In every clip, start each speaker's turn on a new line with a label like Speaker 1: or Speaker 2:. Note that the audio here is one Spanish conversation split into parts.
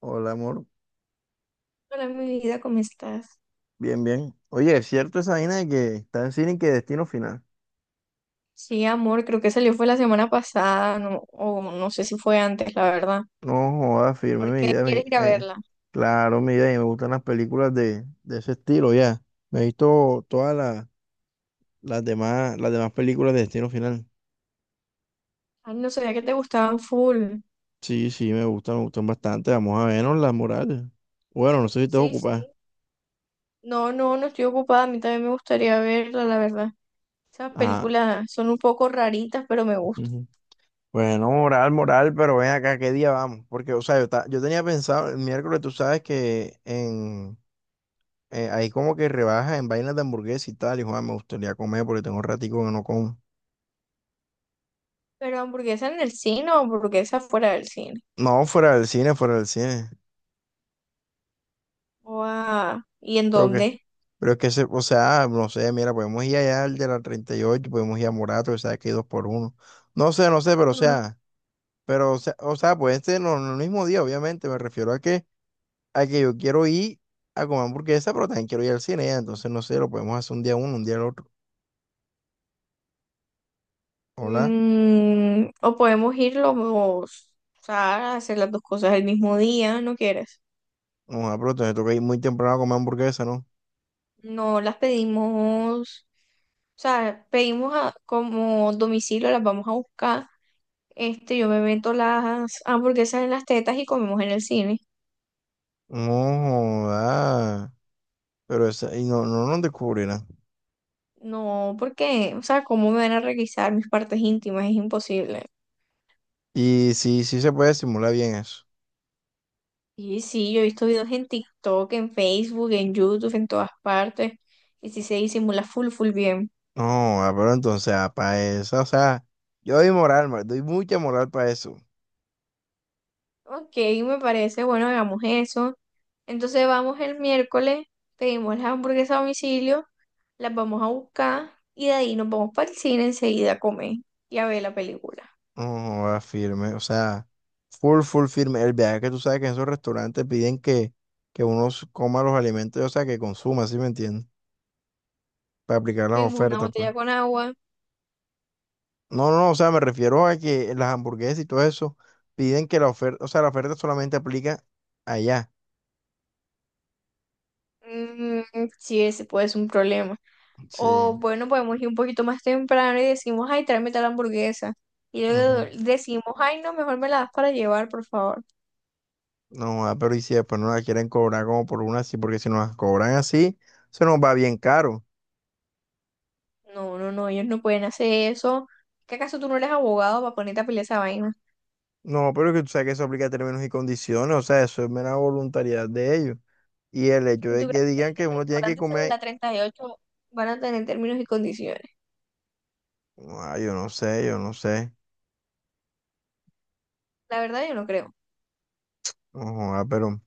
Speaker 1: Hola, amor.
Speaker 2: Hola, mi vida, ¿cómo estás?
Speaker 1: Bien, bien. Oye, ¿es cierto esa vaina de que está en cine y que destino final?
Speaker 2: Sí, amor, creo que salió fue la semana pasada, o no sé si fue antes, la verdad.
Speaker 1: No jodas, firme
Speaker 2: ¿Por
Speaker 1: mi
Speaker 2: qué
Speaker 1: vida.
Speaker 2: quieres ir a verla?
Speaker 1: Claro, mi vida. Y me gustan las películas de ese estilo, ya. Me he visto todas las, las demás películas de destino final.
Speaker 2: Ay, no sabía que te gustaban full.
Speaker 1: Sí, me gustan bastante. Vamos a vernos las morales. Bueno, no sé si te vas a
Speaker 2: Sí,
Speaker 1: ocupar.
Speaker 2: sí. No, no, no estoy ocupada, a mí también me gustaría verla, la verdad. Esas
Speaker 1: Ah,
Speaker 2: películas son un poco raritas, pero me gustan.
Speaker 1: ujú. Bueno, moral, pero ven acá, ¿qué día vamos? Porque, o sea, yo tenía pensado el miércoles, tú sabes que en hay como que rebajas en vainas de hamburguesa y tal, y Juan, me gustaría comer porque tengo un ratico que no como.
Speaker 2: ¿Pero hamburguesa en el cine o hamburguesa fuera del cine?
Speaker 1: No, fuera del cine, fuera del cine.
Speaker 2: Guau, ¿y en
Speaker 1: Creo que,
Speaker 2: dónde?
Speaker 1: pero es que, se, o sea, no sé, mira, podemos ir allá al de la 38, podemos ir a Morato, que sabes que hay 2 por 1. No sé, no sé, pero
Speaker 2: Ajá.
Speaker 1: o sea, puede ser no, no el mismo día, obviamente, me refiero a que yo quiero ir a comer hamburguesa, pero también quiero ir al cine, ya, entonces, no sé, lo podemos hacer un día uno, un día el otro. Hola,
Speaker 2: Mm, o podemos ir o sea, hacer las dos cosas el mismo día, ¿no quieres?
Speaker 1: no, ah, pero entonces toca ir muy temprano a comer hamburguesa, ¿no?
Speaker 2: No las pedimos, o sea, pedimos como domicilio, las vamos a buscar. Este, yo me meto las hamburguesas en las tetas y comemos en el cine.
Speaker 1: No, joda. Pero esa, y no, no nos descubrirán.
Speaker 2: No, porque, o sea, ¿cómo me van a requisar mis partes íntimas? Es imposible.
Speaker 1: Y sí, sí se puede simular bien eso.
Speaker 2: Y sí, yo he visto videos en TikTok, en Facebook, en YouTube, en todas partes. Y sí se disimula full, full bien.
Speaker 1: No, ah, pero entonces, para eso, o sea, yo doy moral, ma, doy mucha moral para eso.
Speaker 2: Ok, me parece, bueno, hagamos eso. Entonces vamos el miércoles, pedimos las hamburguesas a domicilio. Las vamos a buscar y de ahí nos vamos para el cine enseguida a comer y a ver la película.
Speaker 1: No, ah, firme, o sea, full, full firme. El viaje que tú sabes que en esos restaurantes piden que uno s- coma los alimentos, o sea, que consuma, ¿sí me entiendes? Para aplicar las
Speaker 2: Pedimos una
Speaker 1: ofertas, pues.
Speaker 2: botella con agua,
Speaker 1: No, no, o sea, me refiero a que las hamburguesas y todo eso piden que la oferta, o sea, la oferta solamente aplica allá.
Speaker 2: mm, sí, ese puede ser un problema. O
Speaker 1: Sí.
Speaker 2: bueno, podemos ir un poquito más temprano y decimos, ay, tráeme tal hamburguesa. Y
Speaker 1: Ujú.
Speaker 2: luego decimos, ay, no, mejor me la das para llevar, por favor.
Speaker 1: No, ah, pero y si después no la quieren cobrar como por una así, porque si nos las cobran así, se nos va bien caro.
Speaker 2: No, no, no, ellos no pueden hacer eso. ¿Qué acaso tú no eres abogado para ponerte a pelear esa vaina?
Speaker 1: No, pero que tú sabes que eso aplica a términos y condiciones, o sea, eso es mera voluntariedad de ellos. Y el hecho
Speaker 2: ¿Y
Speaker 1: de
Speaker 2: tú
Speaker 1: que
Speaker 2: crees que
Speaker 1: digan que
Speaker 2: el
Speaker 1: uno tiene que
Speaker 2: restaurante ese de
Speaker 1: comer,
Speaker 2: la 38 van a tener términos y condiciones?
Speaker 1: ah, yo no sé, yo no sé.
Speaker 2: La verdad, yo no creo.
Speaker 1: No, ah,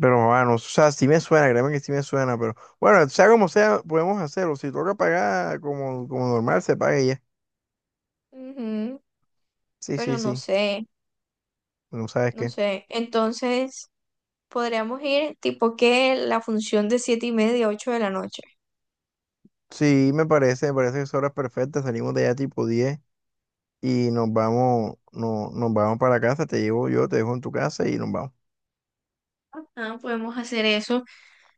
Speaker 1: pero bueno, o sea, sí me suena, créeme que sí me suena, pero bueno, sea como sea, podemos hacerlo. Si toca pagar como normal, se paga y ya.
Speaker 2: Ujú,
Speaker 1: Sí, sí,
Speaker 2: pero no
Speaker 1: sí,
Speaker 2: sé.
Speaker 1: no sabes
Speaker 2: No
Speaker 1: qué.
Speaker 2: sé, entonces podríamos ir tipo que la función de siete y media ocho de la noche.
Speaker 1: Sí, me parece que son horas perfectas, salimos de allá tipo 10 y nos vamos, no, nos vamos para casa, te llevo yo, te dejo en tu casa y nos vamos.
Speaker 2: Ah, podemos hacer eso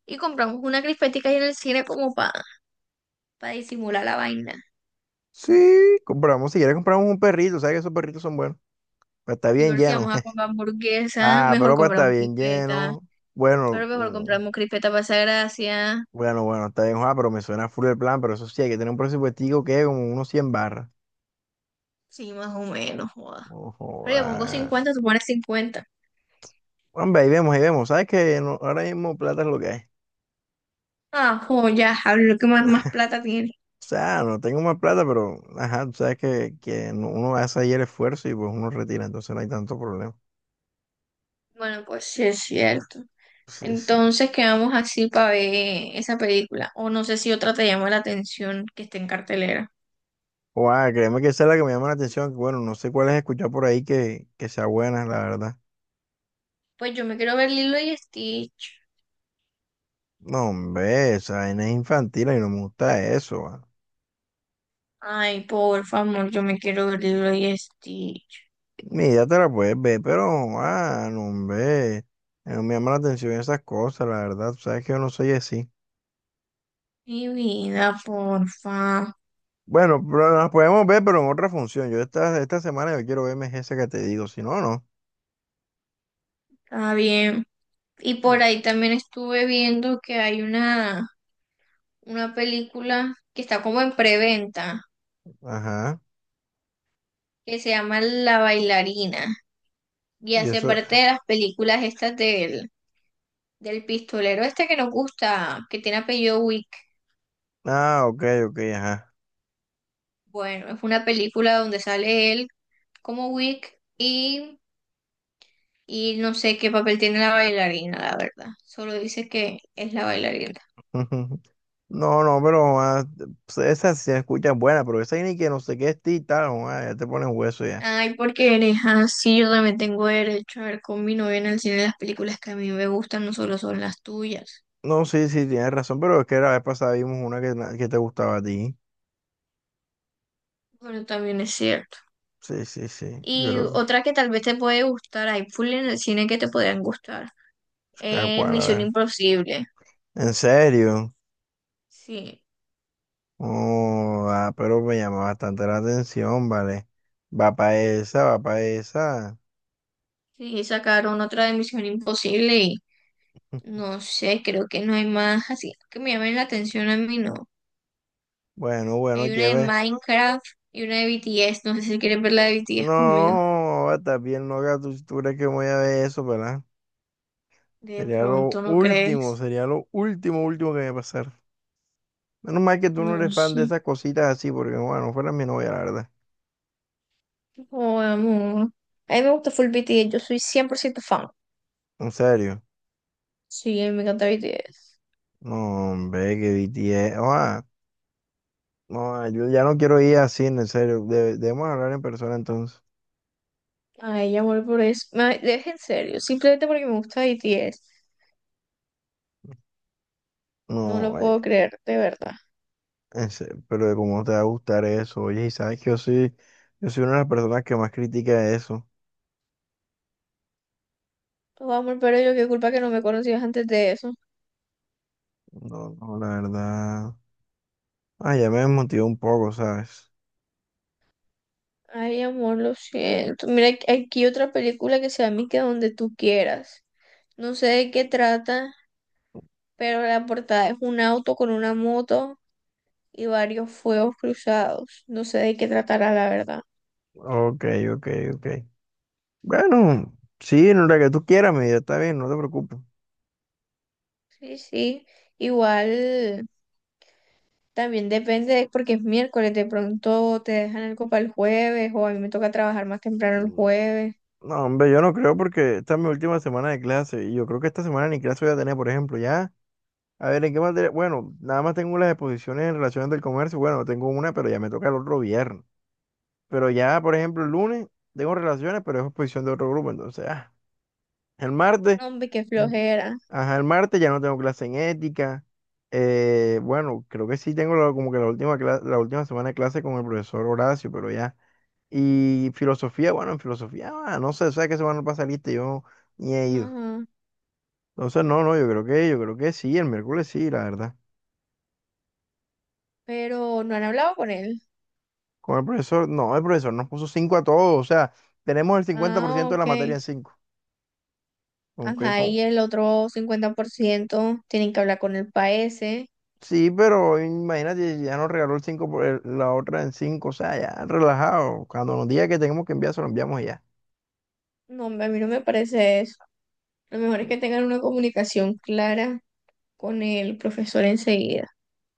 Speaker 2: y compramos una crispetica ahí en el cine como para disimular la vaina.
Speaker 1: Sí, compramos, si quieres compramos un perrito, sabes que esos perritos son buenos, pero está
Speaker 2: Y
Speaker 1: bien
Speaker 2: ver si
Speaker 1: lleno.
Speaker 2: vamos a comprar hamburguesa,
Speaker 1: Ah,
Speaker 2: mejor
Speaker 1: pero para estar
Speaker 2: compramos
Speaker 1: bien
Speaker 2: crispeta,
Speaker 1: lleno. Bueno,
Speaker 2: pero mejor compramos crispeta para esa gracia.
Speaker 1: bueno, bueno, está bien, ah, pero me suena full el plan, pero eso sí, hay que tener un presupuestico que es como unos 100 barras.
Speaker 2: Sí, más o menos, joda.
Speaker 1: Ojo,
Speaker 2: Pero yo pongo
Speaker 1: ah.
Speaker 2: 50, tú pones 50.
Speaker 1: Hombre, ahí vemos, sabes que no- ahora mismo plata es lo que hay.
Speaker 2: Ah, joya, a ver lo que más, más plata tiene.
Speaker 1: O sea, no tengo más plata, pero, ajá, tú sabes que no- uno hace ahí el esfuerzo y pues uno retira, entonces no hay tanto problema.
Speaker 2: Bueno, pues sí es cierto.
Speaker 1: Sí, sí.
Speaker 2: Entonces quedamos así para ver esa película. O no sé si otra te llama la atención que esté en cartelera.
Speaker 1: Guau, créeme que esa es la que me llama la atención. Que bueno, no sé cuál es, escuchar por ahí que sea buena, la verdad.
Speaker 2: Pues yo me quiero ver Lilo y Stitch.
Speaker 1: No, hombre, esa vaina es infantil y no me gusta eso. Guau.
Speaker 2: Ay, por favor, yo me quiero ver Lilo y Stitch.
Speaker 1: Mi idea te la puedes ver, pero, ah, no, hombre, no me llama la atención esas cosas, la verdad. Tú sabes que yo no soy así.
Speaker 2: Mi vida, porfa.
Speaker 1: Bueno, pero las podemos ver, pero en otra función. Yo esta semana yo quiero verme esa que te digo, si no, no.
Speaker 2: Está bien. Y por
Speaker 1: No.
Speaker 2: ahí también estuve viendo que hay una película que está como en preventa,
Speaker 1: Ajá.
Speaker 2: que se llama La Bailarina. Y
Speaker 1: Y
Speaker 2: hace
Speaker 1: eso,
Speaker 2: parte de las películas estas del, del pistolero este que nos gusta, que tiene apellido Wick.
Speaker 1: ah, ok, ok, ajá.
Speaker 2: Bueno, es una película donde sale él como Wick y no sé qué papel tiene la bailarina, la verdad. Solo dice que es la bailarina.
Speaker 1: No, no, pero ah, pues, esa sí se escucha buena, pero esa ni que no sé qué es ti y tal, ah, ya te pones hueso ya.
Speaker 2: Ay, porque eres así, yo también tengo derecho a ver con mi novia en el cine las películas que a mí me gustan, no solo son las tuyas.
Speaker 1: No, sí, sí, tienes razón, pero es que la vez pasada vimos una que te gustaba a ti.
Speaker 2: Bueno, también es cierto.
Speaker 1: Sí, sí, sí, yo
Speaker 2: Y
Speaker 1: creo
Speaker 2: otra que tal vez te puede gustar, hay full en el cine que te podrían gustar,
Speaker 1: que... ¿a
Speaker 2: es
Speaker 1: cuál? A
Speaker 2: Misión
Speaker 1: ver.
Speaker 2: Imposible.
Speaker 1: ¿En serio?
Speaker 2: Sí,
Speaker 1: Oh, ah, pero me llama bastante la atención, vale. Va para esa, va para esa.
Speaker 2: sí, sacaron otra de Misión Imposible. No sé, creo que no hay más así que me llamen la atención a mí, no.
Speaker 1: Bueno, bueno,
Speaker 2: Hay una de
Speaker 1: lleve.
Speaker 2: Minecraft y una de BTS. No sé si quieres ver la de BTS conmigo.
Speaker 1: No, está bien, no, tú crees que me voy a ver eso, ¿verdad?
Speaker 2: De pronto, ¿no crees?
Speaker 1: Sería lo último, último que me pasar. Menos mal que tú no
Speaker 2: No
Speaker 1: eres fan de
Speaker 2: sé.
Speaker 1: esas cositas así, porque bueno, fuera mi novia, la verdad.
Speaker 2: Oh, amor. A mí me gusta full BTS. Yo soy 100% fan.
Speaker 1: En serio.
Speaker 2: Sí, a mí me encanta BTS.
Speaker 1: No, hombre, que BTS. Oa, no, yo ya no quiero ir así, en serio. De- debemos hablar en persona entonces.
Speaker 2: Ay, amor, por eso. Me, es en serio. Simplemente porque me gusta BTS. No
Speaker 1: No,
Speaker 2: lo
Speaker 1: ay,
Speaker 2: puedo creer, de verdad.
Speaker 1: en serio, pero de cómo te va a gustar eso. Oye, y sabes que yo soy una de las personas que más critica eso.
Speaker 2: Oh, amor, pero yo qué culpa que no me conocías antes de eso.
Speaker 1: No, no, la verdad. Ah, ya me desmotivó un poco, ¿sabes?
Speaker 2: Ay, amor, lo siento. Mira, aquí otra película que se llama Que donde tú quieras. No sé de qué trata, pero la portada es un auto con una moto y varios fuegos cruzados. No sé de qué tratará, la verdad.
Speaker 1: Ok, ok, ok. Bueno, sí, en la que tú quieras, mi vida, está bien, no te preocupes.
Speaker 2: Sí, sí. Igual también depende, porque es miércoles, de pronto te dejan algo para el jueves o a mí me toca trabajar más temprano el
Speaker 1: Mm.
Speaker 2: jueves.
Speaker 1: No, hombre, yo no creo porque esta es mi última semana de clase y yo creo que esta semana ni clase voy a tener, por ejemplo, ya. A ver, ¿en qué materia? Bueno, nada más tengo las exposiciones en relaciones del comercio. Bueno, tengo una, pero ya me toca el otro viernes. Pero ya, por ejemplo, el lunes tengo relaciones, pero es exposición de otro grupo, entonces, ah. El martes,
Speaker 2: No, hombre, qué
Speaker 1: mm,
Speaker 2: flojera.
Speaker 1: ajá, el martes ya no tengo clase en ética. Bueno, creo que sí tengo como que la última, la última semana de clase con el profesor Horacio, pero ya. Y filosofía, bueno, en filosofía, ah, no sé, o sea que se van a pasar lista, yo ni he ido.
Speaker 2: Ajá.
Speaker 1: Entonces, no, no, yo creo que sí, el miércoles sí, la verdad.
Speaker 2: Pero no han hablado con él.
Speaker 1: Con el profesor, no, el profesor nos puso 5 a todos, o sea, tenemos el cincuenta por
Speaker 2: Ah,
Speaker 1: ciento de la
Speaker 2: ok.
Speaker 1: materia en cinco. Aunque
Speaker 2: Ajá,
Speaker 1: con...
Speaker 2: y el otro 50% tienen que hablar con el PAESE.
Speaker 1: Sí, pero imagínate, ya nos regaló el 5 por la otra en cinco, o sea, ya relajado. Cuando nos diga que tenemos que enviar, se lo enviamos y ya.
Speaker 2: No, hombre, a mí no me parece eso. Lo mejor es que tengan una comunicación clara con el profesor enseguida.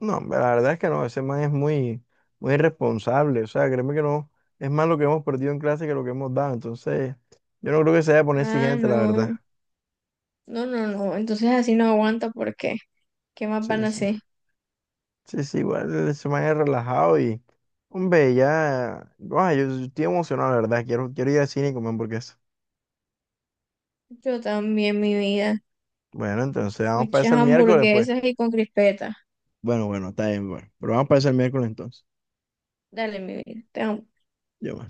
Speaker 1: No, hombre, la verdad es que no, ese man es muy irresponsable. O sea, créeme que no, es más lo que hemos perdido en clase que lo que hemos dado. Entonces, yo no creo que se vaya a poner
Speaker 2: Ah,
Speaker 1: exigente, la verdad.
Speaker 2: no, no, no, no. Entonces así no aguanta porque ¿qué más van
Speaker 1: Sí,
Speaker 2: a
Speaker 1: sí.
Speaker 2: hacer?
Speaker 1: Sí, sí, igual ese man es relajado y, hombre, ya, guau, yo, estoy emocionado, la verdad. Quiero ir al cine y comer hamburguesa.
Speaker 2: Yo también, mi vida.
Speaker 1: Bueno, entonces vamos para
Speaker 2: Muchas
Speaker 1: eso el miércoles, pues.
Speaker 2: hamburguesas y con crispetas.
Speaker 1: Bueno, bueno, está bien, bueno. Pero vamos para eso el miércoles entonces.
Speaker 2: Dale, mi vida. Te amo.
Speaker 1: Yo,